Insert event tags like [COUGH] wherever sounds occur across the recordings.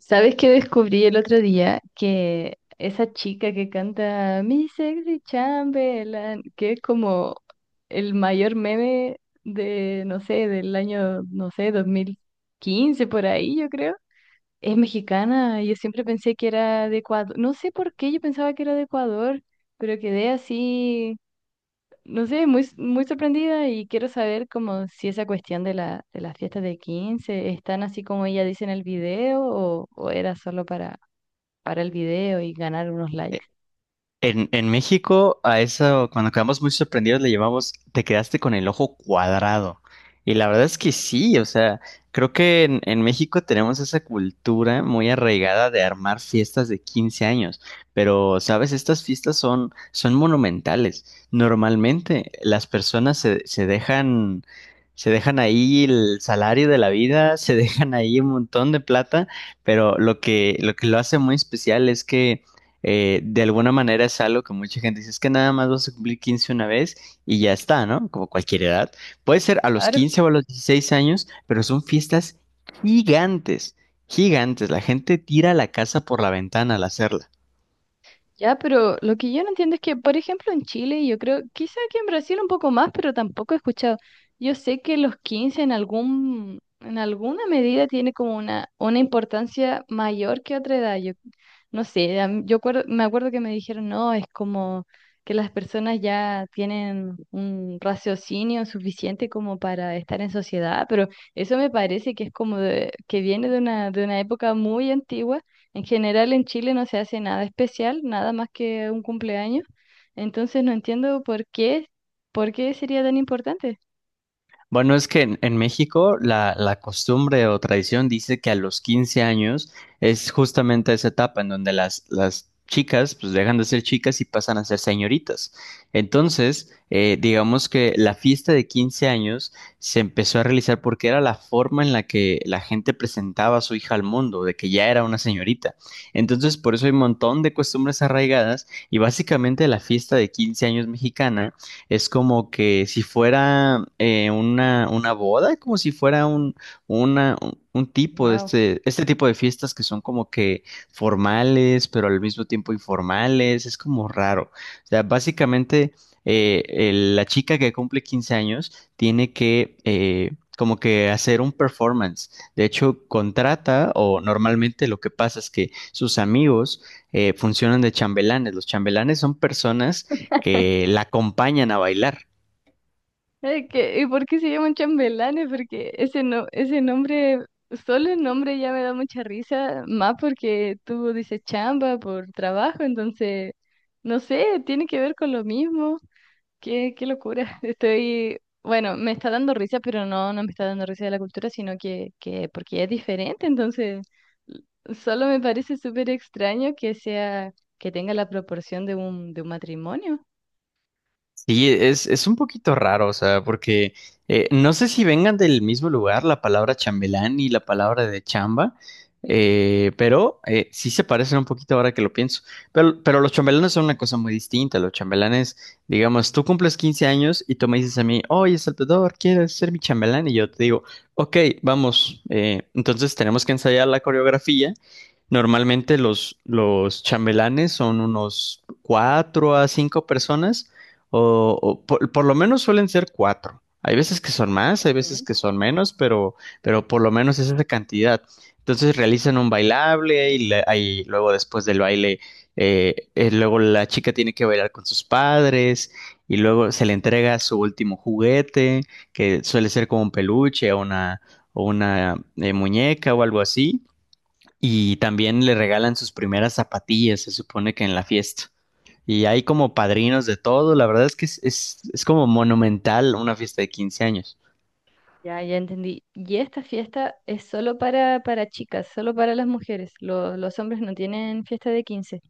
¿Sabes qué descubrí el otro día? Que esa chica que canta Mi Sexy Chamberlain, que es como el mayor meme no sé, del año, no sé, 2015 por ahí, yo creo. Es mexicana, yo siempre pensé que era de Ecuador. No sé por qué yo pensaba que era de Ecuador, pero quedé así, no sé, muy, muy sorprendida y quiero saber como si esa cuestión de las fiestas de 15 están así como ella dice en el video, o era solo para el video y ganar unos E- likes. En México, a eso, cuando quedamos muy sorprendidos, le llamamos, te quedaste con el ojo cuadrado. Y la verdad es que sí, o sea, creo que en México tenemos esa cultura muy arraigada de armar fiestas de 15 años. Pero, ¿sabes? Estas fiestas son monumentales. Normalmente las personas se dejan ahí el salario de la vida, [LAUGHS] se dejan ahí un montón de plata, pero lo que lo hace muy especial es que de alguna manera es algo que mucha gente dice, es que nada más vas a cumplir 15 una vez y ya está, ¿no? Como cualquier edad. Puede ser a los 15 o a los 16 años, pero son fiestas gigantes, gigantes. La gente tira la casa por la ventana al hacerla. Ya, pero lo que yo no entiendo es que, por ejemplo, en Chile, y yo creo, quizá que en Brasil un poco más, pero tampoco he escuchado. Yo sé que los 15 en alguna medida tiene como una importancia mayor que otra edad. Yo no sé, a mí- yo acuerdo- me acuerdo que me dijeron, no, es como que las personas ya tienen un raciocinio suficiente como para estar en sociedad, pero eso me parece que es como que viene de una época muy antigua. En general en Chile no se hace nada especial, nada más que un cumpleaños. Entonces no entiendo por qué sería tan importante. Bueno, es que en México la costumbre o tradición dice que a los 15 años es justamente esa etapa en donde las chicas pues dejan de ser chicas y pasan a ser señoritas. Entonces, digamos que la fiesta de 15 años se empezó a realizar porque era la forma en la que la gente presentaba a su hija al mundo, de que ya era una señorita. Entonces, por eso hay un montón de costumbres arraigadas y básicamente la fiesta de 15 años mexicana es como que si fuera una boda, como si fuera un, una, un tipo de Wow. Este tipo de fiestas que son como que formales, pero al mismo tiempo informales, es como raro. O sea, básicamente la chica que cumple 15 años tiene que como que hacer un performance. De hecho, contrata o normalmente lo que pasa es que sus amigos funcionan de chambelanes. Los chambelanes son personas que la acompañan a bailar. ¿Y por qué se llaman chambelanes? Porque ese no, ese nombre, solo el nombre ya me da mucha risa, más porque tú dices chamba por trabajo, entonces, no sé, tiene que ver con lo mismo. Qué, qué locura. [LAUGHS] Bueno, me está dando risa, pero no, no me está dando risa de la cultura, sino que porque es diferente, entonces l- solo me parece súper extraño que tenga la proporción de un matrimonio. Sí, es un poquito raro, o sea, porque no sé si vengan del mismo lugar la palabra chambelán y la palabra de chamba, pero sí se parecen un poquito ahora que lo pienso. Pero los chambelanes son una cosa muy distinta. Los chambelanes, digamos, tú cumples 15 años y tú me dices a mí, oye, Salvador, ¿quieres ser mi chambelán? Y yo te digo, ok, vamos. Entonces tenemos que ensayar la coreografía. Normalmente los chambelanes son unos cuatro a cinco personas o por lo menos suelen ser cuatro. Hay veces que son más, hay veces Ujú. que son menos, pero por lo menos es esa cantidad. Entonces realizan un bailable y, ahí luego después del baile, luego la chica tiene que bailar con sus padres y luego se le entrega su último juguete, que suele ser como un peluche o una muñeca o algo así. Y también le regalan sus primeras zapatillas, se supone que en la fiesta y hay como padrinos de todo. La verdad es que es como monumental una fiesta de 15 años. Ya, ya entendí. Y esta fiesta es solo para chicas, solo para las mujeres. Los hombres no tienen fiesta de quince.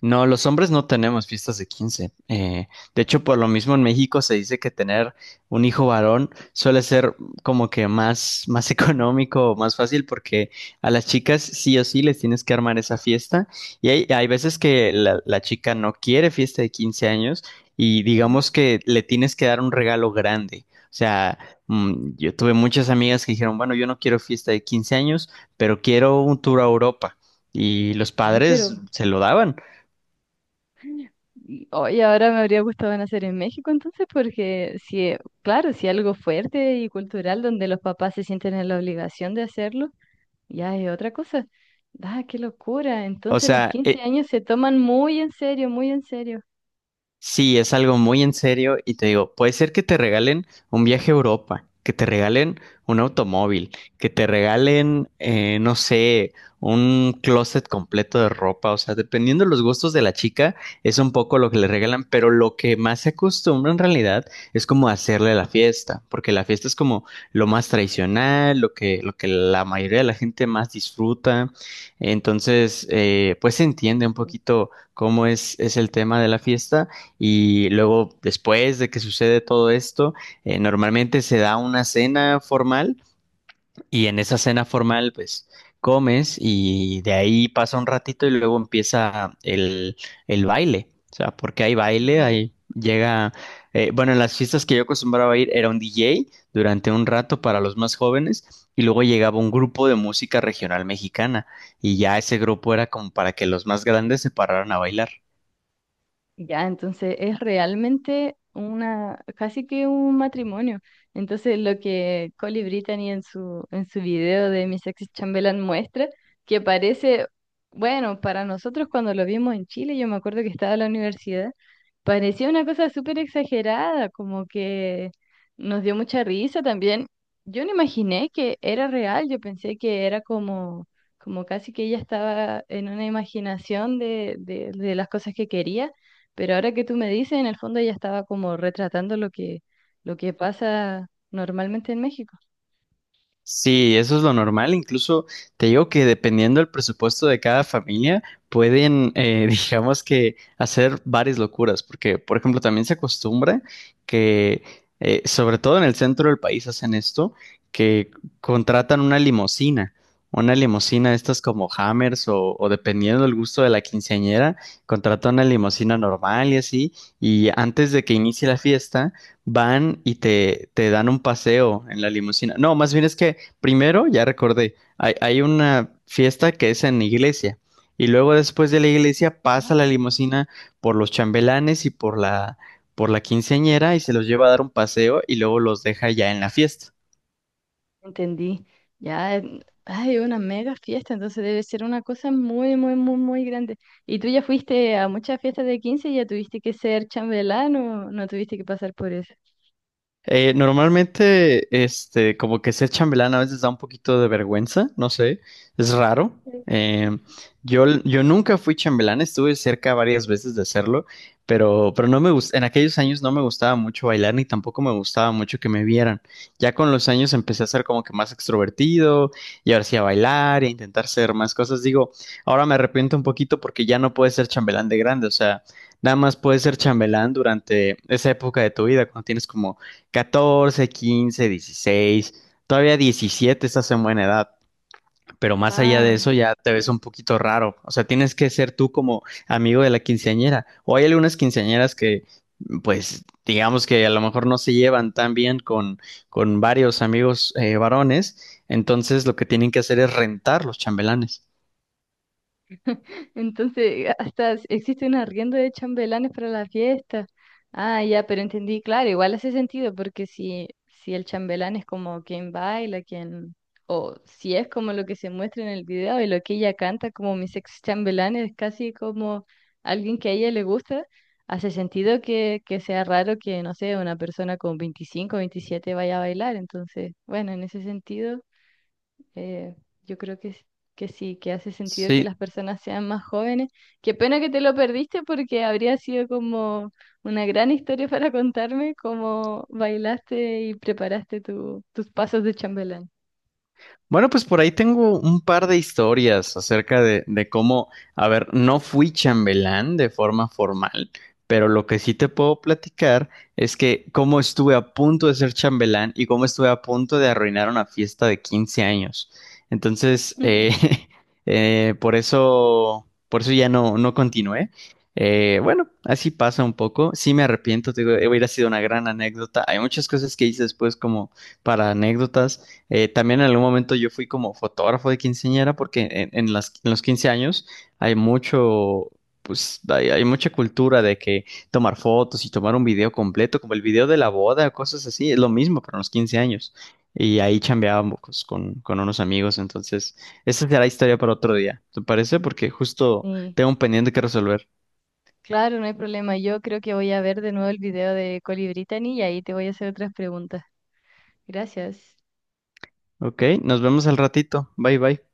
No, los hombres no tenemos fiestas de 15. De hecho, por lo mismo en México se dice que tener un hijo varón suele ser como que más [LAUGHS] económico o más fácil porque a las chicas sí o sí les tienes que armar esa fiesta. Y hay veces que la chica no quiere fiesta de 15 años y Ujú. digamos que le tienes que dar un regalo grande. O sea, yo tuve muchas amigas que dijeron, bueno, yo no quiero fiesta de 15 años, pero quiero un tour a Europa. Y los Ay, padres se lo daban. y hoy ahora me habría gustado nacer en México entonces, porque si, claro, si algo fuerte y cultural donde los papás se sienten en la obligación de hacerlo, ya es otra cosa. Ah, qué locura. O Entonces los sea, 15 años se toman muy en serio, muy en serio. sí, es algo muy en serio y te digo, puede ser que te regalen un viaje a Europa, que te regalen un automóvil, que te regalen, no sé, un closet completo de ropa, o sea, dependiendo de los gustos de la chica, es un poco lo que le regalan, pero lo que más se acostumbra en realidad es como hacerle la fiesta, porque la fiesta es como lo más tradicional, lo que la mayoría de la gente más disfruta, entonces, pues se entiende un poquito cómo es el tema de la fiesta. Y luego, después de que sucede todo esto, normalmente se da una cena formal y en esa cena formal, pues comes y de ahí pasa un ratito y luego empieza el baile. O sea, porque hay baile, Ujú. ahí llega, bueno, en las fiestas que yo acostumbraba a ir era un DJ durante un rato para los más jóvenes y luego llegaba un grupo de música regional mexicana y ya ese grupo era como para que los más grandes se pararan a bailar. Ya, entonces es realmente casi que un matrimonio. Entonces lo que Colly Brittany en su video de Miss Sexy Chamberlain muestra, que parece, bueno, para nosotros cuando lo vimos en Chile, yo me acuerdo que estaba en la universidad, parecía una cosa súper exagerada, como que nos dio mucha risa también. Yo no imaginé que era real, yo pensé que era como casi que ella estaba en una imaginación de las cosas que quería, pero ahora que tú me dices, en el fondo ella estaba como retratando lo que pasa normalmente en México. Sí, eso es lo normal. Incluso te digo que dependiendo del presupuesto de cada familia, pueden, [LAUGHS] digamos que hacer varias locuras. Porque, por ejemplo, también se acostumbra que, sobre todo en el centro del país, hacen esto, que contratan una limusina. Una limusina, de estas como Hammers o dependiendo del gusto de la quinceañera, contratan una limusina normal y así. Y antes de que inicie la fiesta, van y te dan un paseo en la limusina. No, más bien es que primero, ya recordé, hay una fiesta que es en iglesia y luego después de la iglesia pasa la Ah, limusina por los chambelanes y por por la quinceañera y se los lleva a dar un paseo y luego los deja ya en la fiesta. entendí. Ya, hay una mega fiesta, entonces debe ser una cosa muy, muy, muy, muy grande. ¿Y tú ya fuiste a muchas fiestas de 15 y ya tuviste que ser chambelán o no tuviste que pasar por eso? Normalmente, como que ser chambelán a veces da un poquito de vergüenza, no sé, es raro. Eh, yo nunca fui chambelán, estuve cerca varias veces de hacerlo, pero no me en aquellos años no me gustaba mucho bailar ni tampoco me gustaba mucho que me vieran. Ya con los años empecé a ser como que más extrovertido y ahora sí a bailar y a intentar hacer más cosas. Digo, ahora me arrepiento un poquito porque ya no puedes ser chambelán de grande, o sea, nada más puedes ser chambelán durante esa época de tu vida, cuando tienes como 14 15 16 todavía 17 estás en buena edad, pero más allá de Ah. eso ya te ves un poquito raro. O sea, tienes que ser tú como amigo de la quinceañera. O hay algunas quinceañeras que, pues, digamos que a lo mejor no se llevan tan bien con varios amigos varones, entonces lo que tienen que hacer es rentar los chambelanes. Entonces, hasta existe un arriendo de chambelanes para la fiesta. Ah, ya, pero entendí, claro, igual hace sentido, porque si el chambelán es como quien baila, o si es como lo que se muestra en el video y lo que ella canta como mis ex chambelanes, es casi como alguien que a ella le gusta, hace sentido que sea raro que, no sé, una persona con 25 27 vaya a bailar. Entonces, bueno, en ese sentido. Eh, yo creo que sí, que hace sentido que Sí, las personas sean más jóvenes. Qué pena que te lo perdiste porque habría sido como una gran historia para contarme cómo bailaste y preparaste tus pasos de chambelán. bueno, pues por ahí tengo un par de historias acerca de cómo, a ver, no fui chambelán de forma formal, pero lo que sí te puedo platicar es que cómo estuve a punto de ser chambelán y cómo estuve a punto de arruinar una fiesta de 15 años. Entonces, [LAUGHS] [LAUGHS] por eso, ya no, no continué. Bueno, así pasa un poco. Sí me arrepiento, te digo, hubiera sido una gran anécdota. Hay muchas cosas que hice después como para anécdotas. También en algún momento yo fui como fotógrafo de quinceañera porque en los 15 años hay pues hay mucha cultura de que tomar fotos y tomar un video completo, como el video de la boda, cosas así, es lo mismo, pero en los 15 años. Y ahí chambeábamos con unos amigos, entonces esa será historia para otro día, ¿te parece? Porque justo Y tengo un pendiente que resolver. claro, no hay problema. Yo creo que voy a ver de nuevo el video de Colibritany y ahí te voy a hacer otras preguntas. Gracias. Ok, nos vemos al ratito. Bye bye.